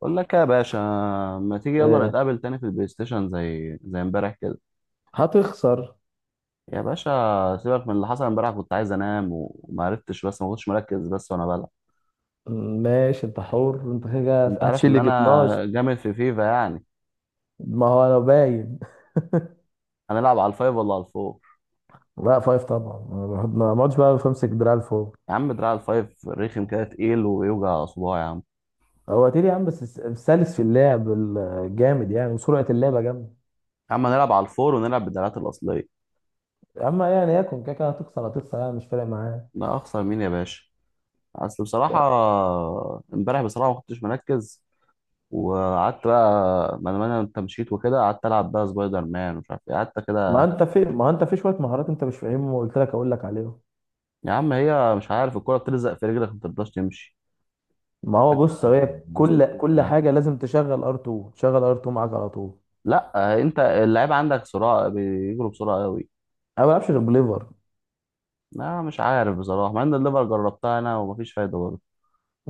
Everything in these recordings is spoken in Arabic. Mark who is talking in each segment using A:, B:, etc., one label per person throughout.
A: بقول لك يا باشا، ما تيجي يلا
B: آه،
A: نتقابل تاني في البلاي ستيشن زي امبارح كده.
B: هتخسر.
A: يا باشا سيبك من اللي حصل امبارح، كنت عايز انام وما عرفتش، بس ما كنتش مركز بس وانا بلعب.
B: ماشي، انت حر، انت كده
A: انت عارف
B: هتشيل
A: ان
B: لي 12.
A: انا جامد في فيفا يعني.
B: ما هو انا باين.
A: هنلعب على الفايف ولا على الفور؟
B: لا، فايف طبعا. ما اقعدش بقى بمسك دراع لفوق.
A: يا عم دراع الفايف رخم كده، تقيل ويوجع صباعي يا عم.
B: هو تيري يا عم، بس سلس في اللعب. الجامد يعني، وسرعه اللعبه جامده.
A: يا عم هنلعب على الفور ونلعب بالدراعات الاصليه.
B: اما يعني يكون كده كده هتخسر هتخسر، يعني مش فارق معاه.
A: لا اخسر مين يا باشا؟ اصل بصراحه امبارح بصراحه ما كنتش مركز. وقعدت بقى، ما انا انت مشيت وكده، قعدت العب بقى سبايدر مان ومش عارف ايه، قعدت
B: ما
A: كده.
B: انت في ما انت في شويه مهارات انت مش فاهمهم، وقلت لك اقول لك عليهم.
A: يا عم هي مش عارف، الكرة بتلزق في رجلك ما بترضاش تمشي.
B: ما هو بص، هي كل
A: مستحيل.
B: كل حاجه لازم تشغل ار2 معاك على طول.
A: لا انت اللعيب عندك سرعة، بيجروا بسرعة قوي.
B: انا ما بلعبش غير بليفر.
A: لا مش عارف بصراحة، مع ان الليفر جربتها انا ومفيش فايدة برضه.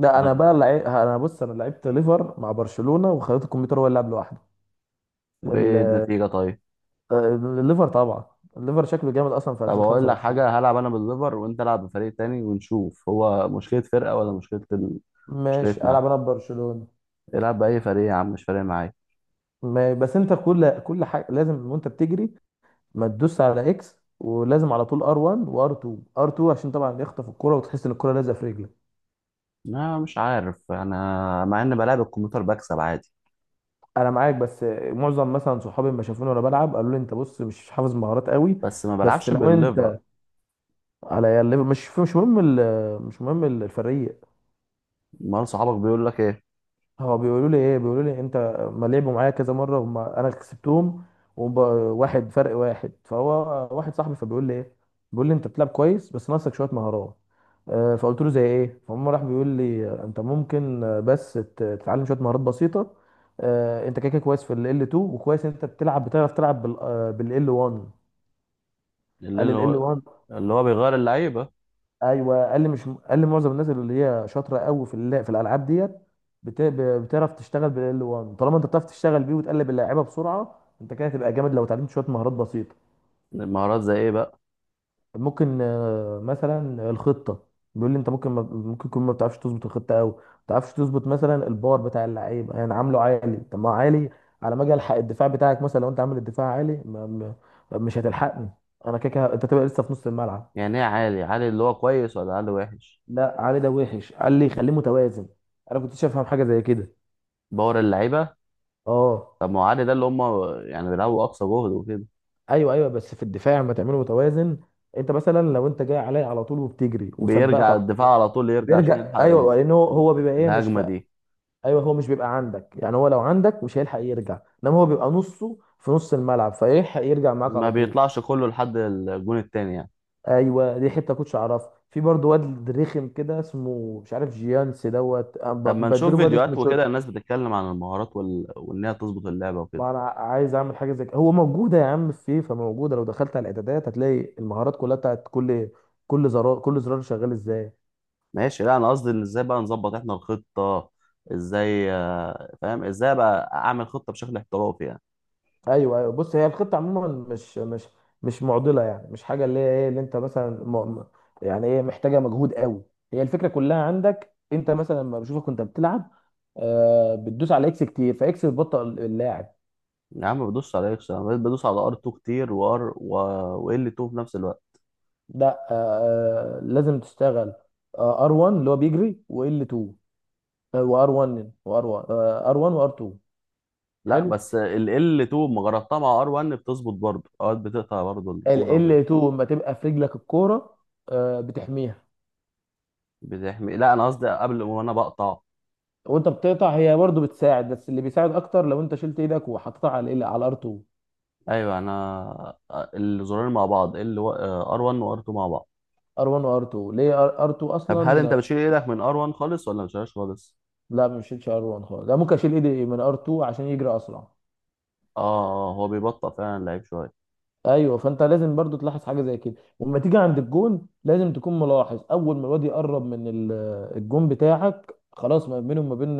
A: أنا-
B: انا بص انا لعبت ليفر مع برشلونة، وخليت الكمبيوتر هو اللي لعب لوحده. ال-
A: وايه النتيجة طيب؟
B: الليفر طبعا. الليفر شكله جامد اصلا في
A: طب اقول لك
B: 2025.
A: حاجة، هلعب انا بالليفر وانت العب بفريق تاني ونشوف، هو مشكلة فرقة ولا مشكلة
B: ماشي،
A: مشكلتنا
B: العب
A: إحنا.
B: انا ببرشلونة.
A: العب بأي فريق يا عم مش فارق معايا.
B: ما... بس انت كل حاجة لازم وانت بتجري. ما تدوس على اكس، ولازم على طول ار1 وار2. ار2 عشان طبعا يخطف الكرة، وتحس ان الكرة لازقة في رجلك.
A: لا مش عارف انا، مع ان بلعب الكمبيوتر بكسب عادي.
B: انا معاك بس. معظم مثلا صحابي لما شافوني وانا بلعب قالوا لي: انت بص مش حافظ مهارات قوي.
A: بس ما
B: بس
A: بلعبش
B: لو
A: بالليفر.
B: انت، على الليفر مش مهم. مش مهم الفريق.
A: امال صحابك بيقول لك ايه؟
B: هو بيقولوا لي انت. ما لعبوا معايا كذا مره، وما انا كسبتهم. وواحد فرق واحد فهو، واحد صاحبي فبيقول لي ايه. بيقول لي: انت بتلعب كويس بس ناقصك شويه مهارات. فقلت له زي ايه؟ فهم راح بيقول لي: انت ممكن، بس تتعلم شويه مهارات بسيطه. انت كده كده كويس في ال L2، وكويس انت بتلعب بتعرف تلعب بال L1.
A: اللي
B: قال
A: اللي
B: ال
A: هو
B: L1.
A: اللي هو بيغير اللعيبه.
B: ايوه قال لي، مش قال لي، معظم الناس اللي هي شاطره قوي في الالعاب ديت بتعرف تشتغل بال 1. طالما انت بتعرف تشتغل بيه وتقلب اللعيبه بسرعه، انت كده هتبقى جامد لو اتعلمت شويه مهارات بسيطه.
A: المهارات زي ايه بقى؟
B: ممكن مثلا الخطه. بيقول لي انت ممكن، ما... ممكن تكون ما بتعرفش تظبط الخطه قوي، ما بتعرفش تظبط مثلا البار بتاع اللعيبه، يعني عامله عالي. طب ما هو عالي. على ما اجي الحق الدفاع بتاعك. مثلا لو انت عامل الدفاع عالي، ما... ما... مش هتلحقني. انا كده كده انت تبقى لسه في نص الملعب.
A: يعني ايه عالي؟ عالي اللي هو كويس ولا عالي وحش؟
B: لا، علي ده وحش. قال لي خليه متوازن. انا كنتش افهم حاجه زي كده.
A: باور اللعيبه.
B: اه،
A: طب ما هو عالي ده اللي هم يعني بيلعبوا اقصى جهد وكده.
B: ايوه ايوه، بس في الدفاع ما تعمله متوازن. انت مثلا لو انت جاي عليا على طول وبتجري وسبقت
A: بيرجع
B: على طول،
A: الدفاع على طول، يرجع عشان
B: بيرجع،
A: يلحق
B: ايوه، لان هو
A: ال-
B: هو بيبقى ايه مش.
A: الهجمه دي.
B: ايوه، هو مش بيبقى عندك يعني. هو لو عندك مش هيلحق يرجع، انما هو بيبقى نصه في نص الملعب، فيلحق يرجع معاك
A: ما
B: على طول.
A: بيطلعش كله لحد الجون التاني يعني.
B: ايوه، دي حته كنتش اعرفها. في برضه واد رخم كده اسمه مش عارف جيانس دوت، أنا
A: طب ما نشوف
B: بديله بقى
A: فيديوهات
B: اسمه
A: وكده،
B: شوت.
A: الناس بتتكلم عن المهارات وان هي تظبط اللعبه وكده.
B: ما انا عايز اعمل حاجه زي كده، هو موجوده يا عم. في فيفا موجوده، لو دخلت على الاعدادات هتلاقي المهارات كلها بتاعت كل، كل زرار شغال ازاي.
A: ماشي. لا انا قصدي ان ازاي بقى نظبط احنا الخطه، ازاي فاهم، ازاي بقى اعمل خطه بشكل احترافي يعني.
B: ايوه ايوه، بص هي الخطه عموما مش معضله يعني، مش حاجه اللي هي ايه اللي انت مثلا يعني ايه، محتاجه مجهود قوي. هي الفكره كلها عندك انت. مثلا لما بشوفك وانت بتلعب بتدوس على اكس كتير، فاكس بتبطئ اللاعب.
A: يا عم بدوس على اكس، انا بقيت بدوس على ار 2 كتير، وار و ال 2 في نفس الوقت.
B: ده. لازم تشتغل ار 1 اللي هو بيجري، وال 2. وار 1، ار 1 وار 2.
A: لا
B: حلو.
A: بس ال ال 2 ما جربتها مع ار 1، بتظبط برضه، اوقات بتقطع برضه
B: ال
A: الكوره
B: L2 لما تبقى في رجلك الكوره بتحميها.
A: بتحمي. لا انا قصدي قبل وانا بقطع.
B: وانت بتقطع هي برضو بتساعد، بس اللي بيساعد اكتر لو انت شلت ايدك وحطيتها على R2.
A: ايوه انا الزرارين مع بعض، ال ار 1 وار 2 مع بعض.
B: R1 و R2. ليه R2
A: طب
B: اصلا.
A: هل انت بتشيل ايدك من ار 1 خالص ولا ما بتشيلهاش خالص؟
B: لا، ما شيلش R1 خالص. لا، ممكن اشيل ايدي من R2 عشان يجري اسرع.
A: اه، هو بيبطئ فعلا اللعيب شويه.
B: ايوه، فانت لازم برضو تلاحظ حاجه زي كده. ولما تيجي عند الجون لازم تكون ملاحظ. اول ما الواد يقرب من الجون بتاعك خلاص، ما بينه وما بين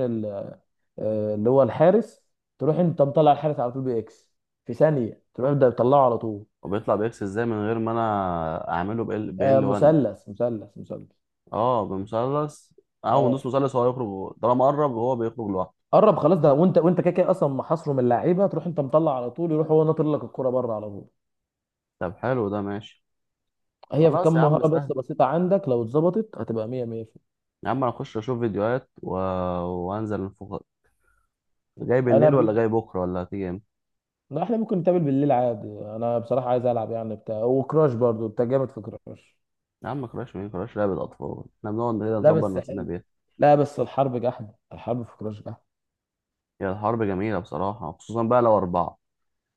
B: اللي هو الحارس، تروح انت مطلع الحارس على طول باكس. في ثانيه تروح ده تطلعه على طول.
A: وبيطلع باكس ازاي من غير ما انا اعمله ب ال 1؟
B: مثلث مثلث مثلث.
A: اه بمثلث. اول ما ندوس
B: اه،
A: مثلث هو يخرج، طالما قرب هو بيخرج لوحده.
B: قرب خلاص ده، وانت كده كده اصلا محاصره من اللعيبه. تروح انت مطلع على طول، يروح هو ناطر لك الكره بره على طول.
A: طب حلو، ده ماشي.
B: هي في
A: خلاص يا
B: كام
A: عم
B: مهاره
A: سهل.
B: بس بسيطه عندك، لو اتظبطت هتبقى 100 100.
A: يا عم انا اخش اشوف فيديوهات وانزل الفوق. جاي
B: انا
A: بالليل
B: ب...
A: ولا جاي بكره ولا هتيجي امتى؟
B: لا، احنا ممكن نتقابل بالليل عادي. انا بصراحه عايز العب يعني بتاع وكراش، برضو انت جامد في كراش.
A: يا عم كراش مين؟ كراش لعبة اطفال، احنا بنقعد كده
B: لا
A: نظبط
B: بس
A: نفسنا
B: حلو.
A: بيها.
B: لا بس الحرب جحد، الحرب في كراش جحد.
A: هي الحرب جميلة بصراحة، خصوصا بقى لو اربعة.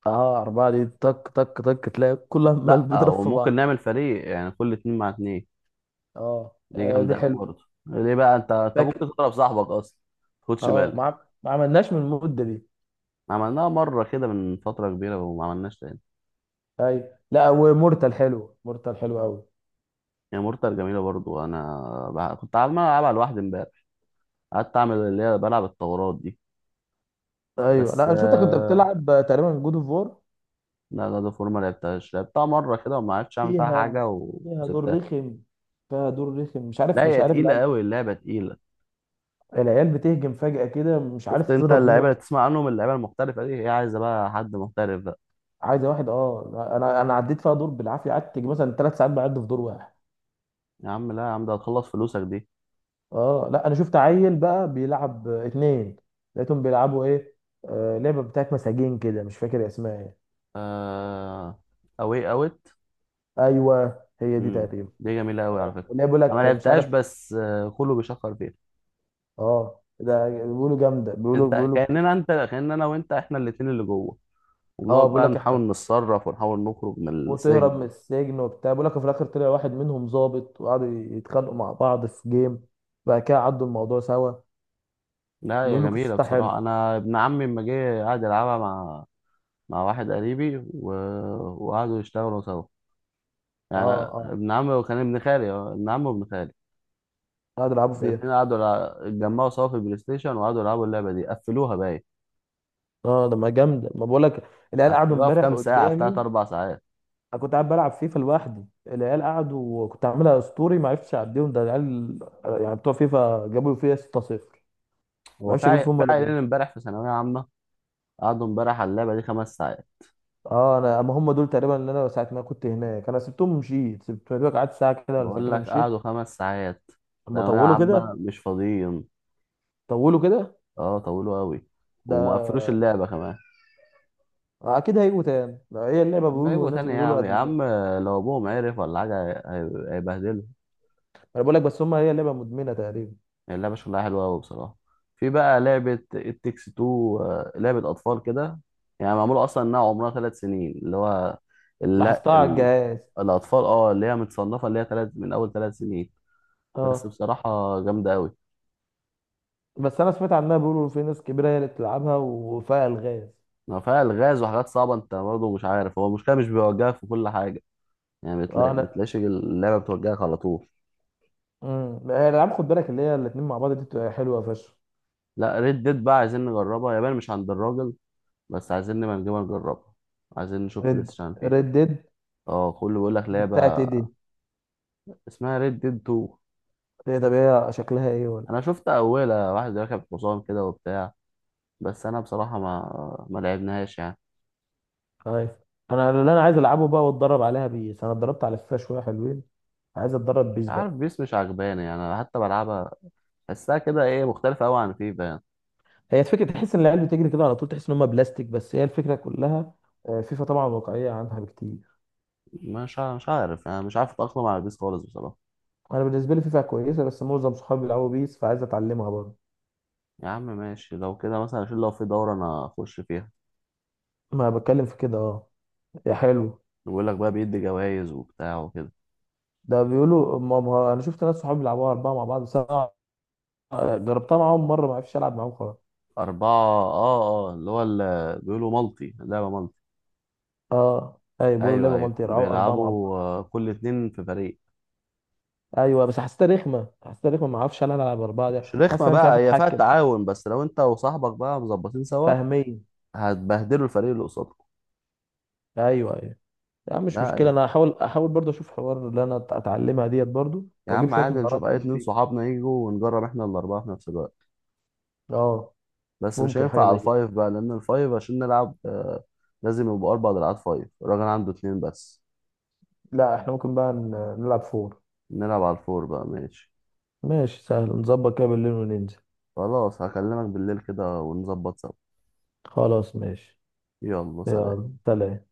B: اه، أربعة دي طك طك طك، تلاقي كل عمال
A: لا
B: بيضرب في
A: وممكن
B: بعض.
A: نعمل فريق، يعني كل اتنين مع اتنين.
B: اه،
A: دي
B: دي
A: جامدة أوي
B: حلوة.
A: برضه، ليه بقى؟ انت
B: لكن،
A: ممكن تضرب صاحبك اصلا. خدش
B: اه،
A: بالك.
B: ما عملناش من المدة دي.
A: عملناها مرة كده من فترة كبيرة وما عملناش تاني.
B: ايوه، لا، ومورتال حلو، مورتال حلو قوي.
A: هي مورتال جميلة برضو. كنت عمال ألعبها لوحدي امبارح، قعدت أعمل اللي هي بلعب الثورات دي.
B: ايوه، لا،
A: بس
B: انا شفتك كنت
A: آه،
B: بتلعب تقريبا جود اوف وور.
A: لا جاد اوف وور ما لعبتهاش، لعبتها مره كده وما عرفتش اعمل فيها
B: فيها
A: حاجه
B: فيها دور
A: وسبتها.
B: رخم، فيها دور رخم. مش
A: لا
B: عارف مش
A: هي
B: عارف
A: تقيله
B: العيال.
A: قوي اللعبه، تقيله.
B: العيال بتهجم فجأة كده، مش
A: شفت
B: عارف
A: انت
B: تضرب مين
A: اللعيبه
B: واحد.
A: اللي تسمع عنهم، اللعيبه المحترفه دي، هي عايزه بقى حد محترف بقى.
B: عايزه واحد. اه، انا عديت فيها دور بالعافيه، قعدت مثلا ثلاث ساعات بعد في دور واحد.
A: يا عم لا يا عم، ده هتخلص فلوسك دي.
B: اه لا، انا شفت عيل بقى بيلعب اتنين. لقيتهم بيلعبوا ايه؟ لعبه بتاعت مساجين كده مش فاكر اسمها ايه.
A: آه... اوي اوت.
B: ايوه هي دي
A: مم.
B: تقريبا.
A: دي جميله قوي على فكره.
B: اللي هي بيقول
A: انا ما
B: لك مش
A: لعبتهاش
B: عارف.
A: بس كله بيشكر فيها.
B: اه، ده بيقولوا جامده، بيقولوا
A: انت
B: بيقولوا بت...
A: كاننا انت كاننا انا وانت احنا الاتنين اللي جوه،
B: اه،
A: وبنقعد
B: بيقول
A: بقى
B: لك
A: نحاول
B: احنا
A: نتصرف ونحاول نخرج من
B: وتهرب
A: السجن.
B: من السجن وبتاع. بيقول لك في الاخر طلع واحد منهم ظابط، وقعدوا يتخانقوا مع بعض في جيم. بعد كده عدوا الموضوع سوا.
A: لا هي
B: بيقولوا
A: جميلة
B: قصتها حلو.
A: بصراحة، أنا ابن عمي لما جه قعد يلعبها مع مع واحد قريبي وقعدوا يشتغلوا سوا
B: اه
A: يعني.
B: اه،
A: ابن عمي وكان ابن خالي، اه، ابن عمي وابن خالي،
B: قعدوا يلعبوا فيها.
A: الاتنين اتجمعوا سوا في البلاي ستيشن وقعدوا يلعبوا اللعبة دي، قفلوها باين.
B: اه، ده ما جامده. ما بقول لك العيال قعدوا
A: قفلوها في
B: امبارح
A: كام ساعة؟ في تلات
B: قدامي.
A: أربع ساعات.
B: انا كنت قاعد بلعب فيفا لوحدي، العيال قعدوا وكنت عاملها اسطوري، ما عرفتش اعديهم ده العيال. يعني بتوع فيفا جابوا فيها 6-0. ما
A: هو في
B: عرفتش اجيب فيهم
A: في
B: ولا
A: عيلين
B: جول.
A: امبارح في ثانوية عامة، قعدوا امبارح على اللعبة دي 5 ساعات.
B: اه، انا اما هم دول تقريبا اللي انا ساعه ما كنت هناك انا سبتهم ومشيت، سبت دوك قعدت ساعه كده ولا
A: بقول
B: ساعتين
A: لك
B: ومشيت.
A: قعدوا 5 ساعات.
B: اما
A: ثانوية
B: طولوا كده.
A: عامة مش فاضيين.
B: طولوا كده.
A: اه طولوا أوي. وما قفلوش
B: ده،
A: اللعبة كمان.
B: اكيد هيجوا تاني، ده هي اللعبه
A: اما
B: بيقولوا
A: يجوا
B: والناس
A: تاني يا
B: بيقولوا
A: عم، يا
B: ادمنوا.
A: عم لو ابوهم عرف ولا حاجه هيبهدلوا.
B: انا بقول لك، بس هم، هي لعبه مدمنه تقريبا.
A: اللعبه شكلها حلوه قوي بصراحه. في بقى لعبه التكس 2، لعبه اطفال كده يعني، معموله اصلا انها عمرها 3 سنين اللي هو،
B: لاحظتها
A: لا
B: على
A: ال...
B: الجهاز.
A: الاطفال، اه اللي هي متصنفه اللي هي 3 من اول 3 سنين. بس
B: اه،
A: بصراحه جامده قوي.
B: بس انا سمعت عنها بيقولوا في ناس كبيره هي اللي بتلعبها، وفيها الغاز.
A: ما فيها الغاز وحاجات صعبه، انت برضه مش عارف، هو المشكله مش بيوجهك في كل حاجه يعني.
B: اه،
A: بتلاقي،
B: انا
A: بتلاقيش اللعبه بتوجهك على طول.
B: الالعاب خد بالك اللي هي الاثنين مع بعض دي بتبقى حلوه فشخ.
A: لا ريد ديد بقى عايزين نجربها، يابان مش عند الراجل بس، عايزين نبقى نجيبها نجربها، عايزين نشوف بلاي
B: ريد
A: ستيشن فيها.
B: ريد ديد
A: اه كله بيقول لك لعبة
B: بتاعت ايه دي؟
A: اسمها ريد ديد 2.
B: هي طب هي شكلها ايه ولا،
A: انا شفت اولها واحد راكب حصان كده وبتاع، بس انا بصراحة ما لعبناهاش يعني.
B: خايف. انا اللي انا عايز العبه بقى واتدرب عليها بيس، انا اتدربت على فيفا شويه حلوين. عايز اتدرب
A: مش
B: بيس
A: عارف
B: بقى.
A: بيس مش عجباني يعني، أنا حتى بلعبها بحسها كده ايه، مختلفة قوي عن فيفا يعني.
B: هي الفكره تحس ان العيال بتجري كده على طول، تحس ان هم بلاستيك، بس هي الفكره كلها. فيفا طبعا واقعيه عنها بكتير.
A: مش عارف يعني، مش عارف اتأقلم على بيس خالص بصراحة.
B: انا بالنسبه لي فيفا كويسه، بس معظم صحابي بيلعبوا بيس فعايز اتعلمها برضه.
A: يا عم ماشي لو كده، مثلا عشان لو في دورة انا اخش فيها،
B: ما بتكلم في كده اه. يا حلو.
A: بيقول لك بقى بيدي جوائز وبتاع وكده.
B: ده بيقولوا، انا شفت ناس صحابي بيلعبوها اربعه مع بعض سبعه. جربتها معاهم مره ما عرفتش العب معاهم خالص.
A: أربعة اه اه اللي هو اللي بيقولوا مالتي لعبة.
B: اه ايوه، بيقولوا
A: ايوه
B: اللعبه
A: ايوه
B: مالتي يلعبوا اربعه مع بعض.
A: بيلعبوا، كل اتنين في فريق.
B: ايوه، بس حسيتها رخمه، حسيتها رخمه، ما اعرفش انا العب اربعه ده،
A: مش
B: حاسس
A: رخمه
B: ان انا مش
A: بقى،
B: عارف
A: هي فيها
B: اتحكم.
A: التعاون، بس لو انت وصاحبك بقى مظبطين سوا
B: فاهميه.
A: هتبهدلوا الفريق اللي قصادكم.
B: ايوه ايوه. لا مش
A: لا
B: مشكله،
A: يعني
B: انا هحاول، احاول برضه اشوف حوار اللي انا اتعلمها ديت برضه،
A: يا
B: واجيب
A: عم
B: شويه
A: عادي، نشوف
B: مهارات
A: اي
B: من
A: اتنين
B: فيه.
A: صحابنا يجوا ونجرب احنا الاربعه في نفس الوقت.
B: اه،
A: بس مش
B: ممكن حاجه
A: هينفع على
B: زي كده.
A: الفايف بقى، لان الفايف عشان نلعب، لازم يبقوا اربع دراعات، فايف الراجل عنده اتنين بس.
B: لا احنا ممكن بقى نلعب فور.
A: نلعب على الفور بقى، ماشي.
B: ماشي، سهل نظبط كده بالليل وننزل.
A: خلاص هكلمك بالليل كده ونظبط سوا.
B: خلاص ماشي.
A: يلا سلام.
B: يلا سلام.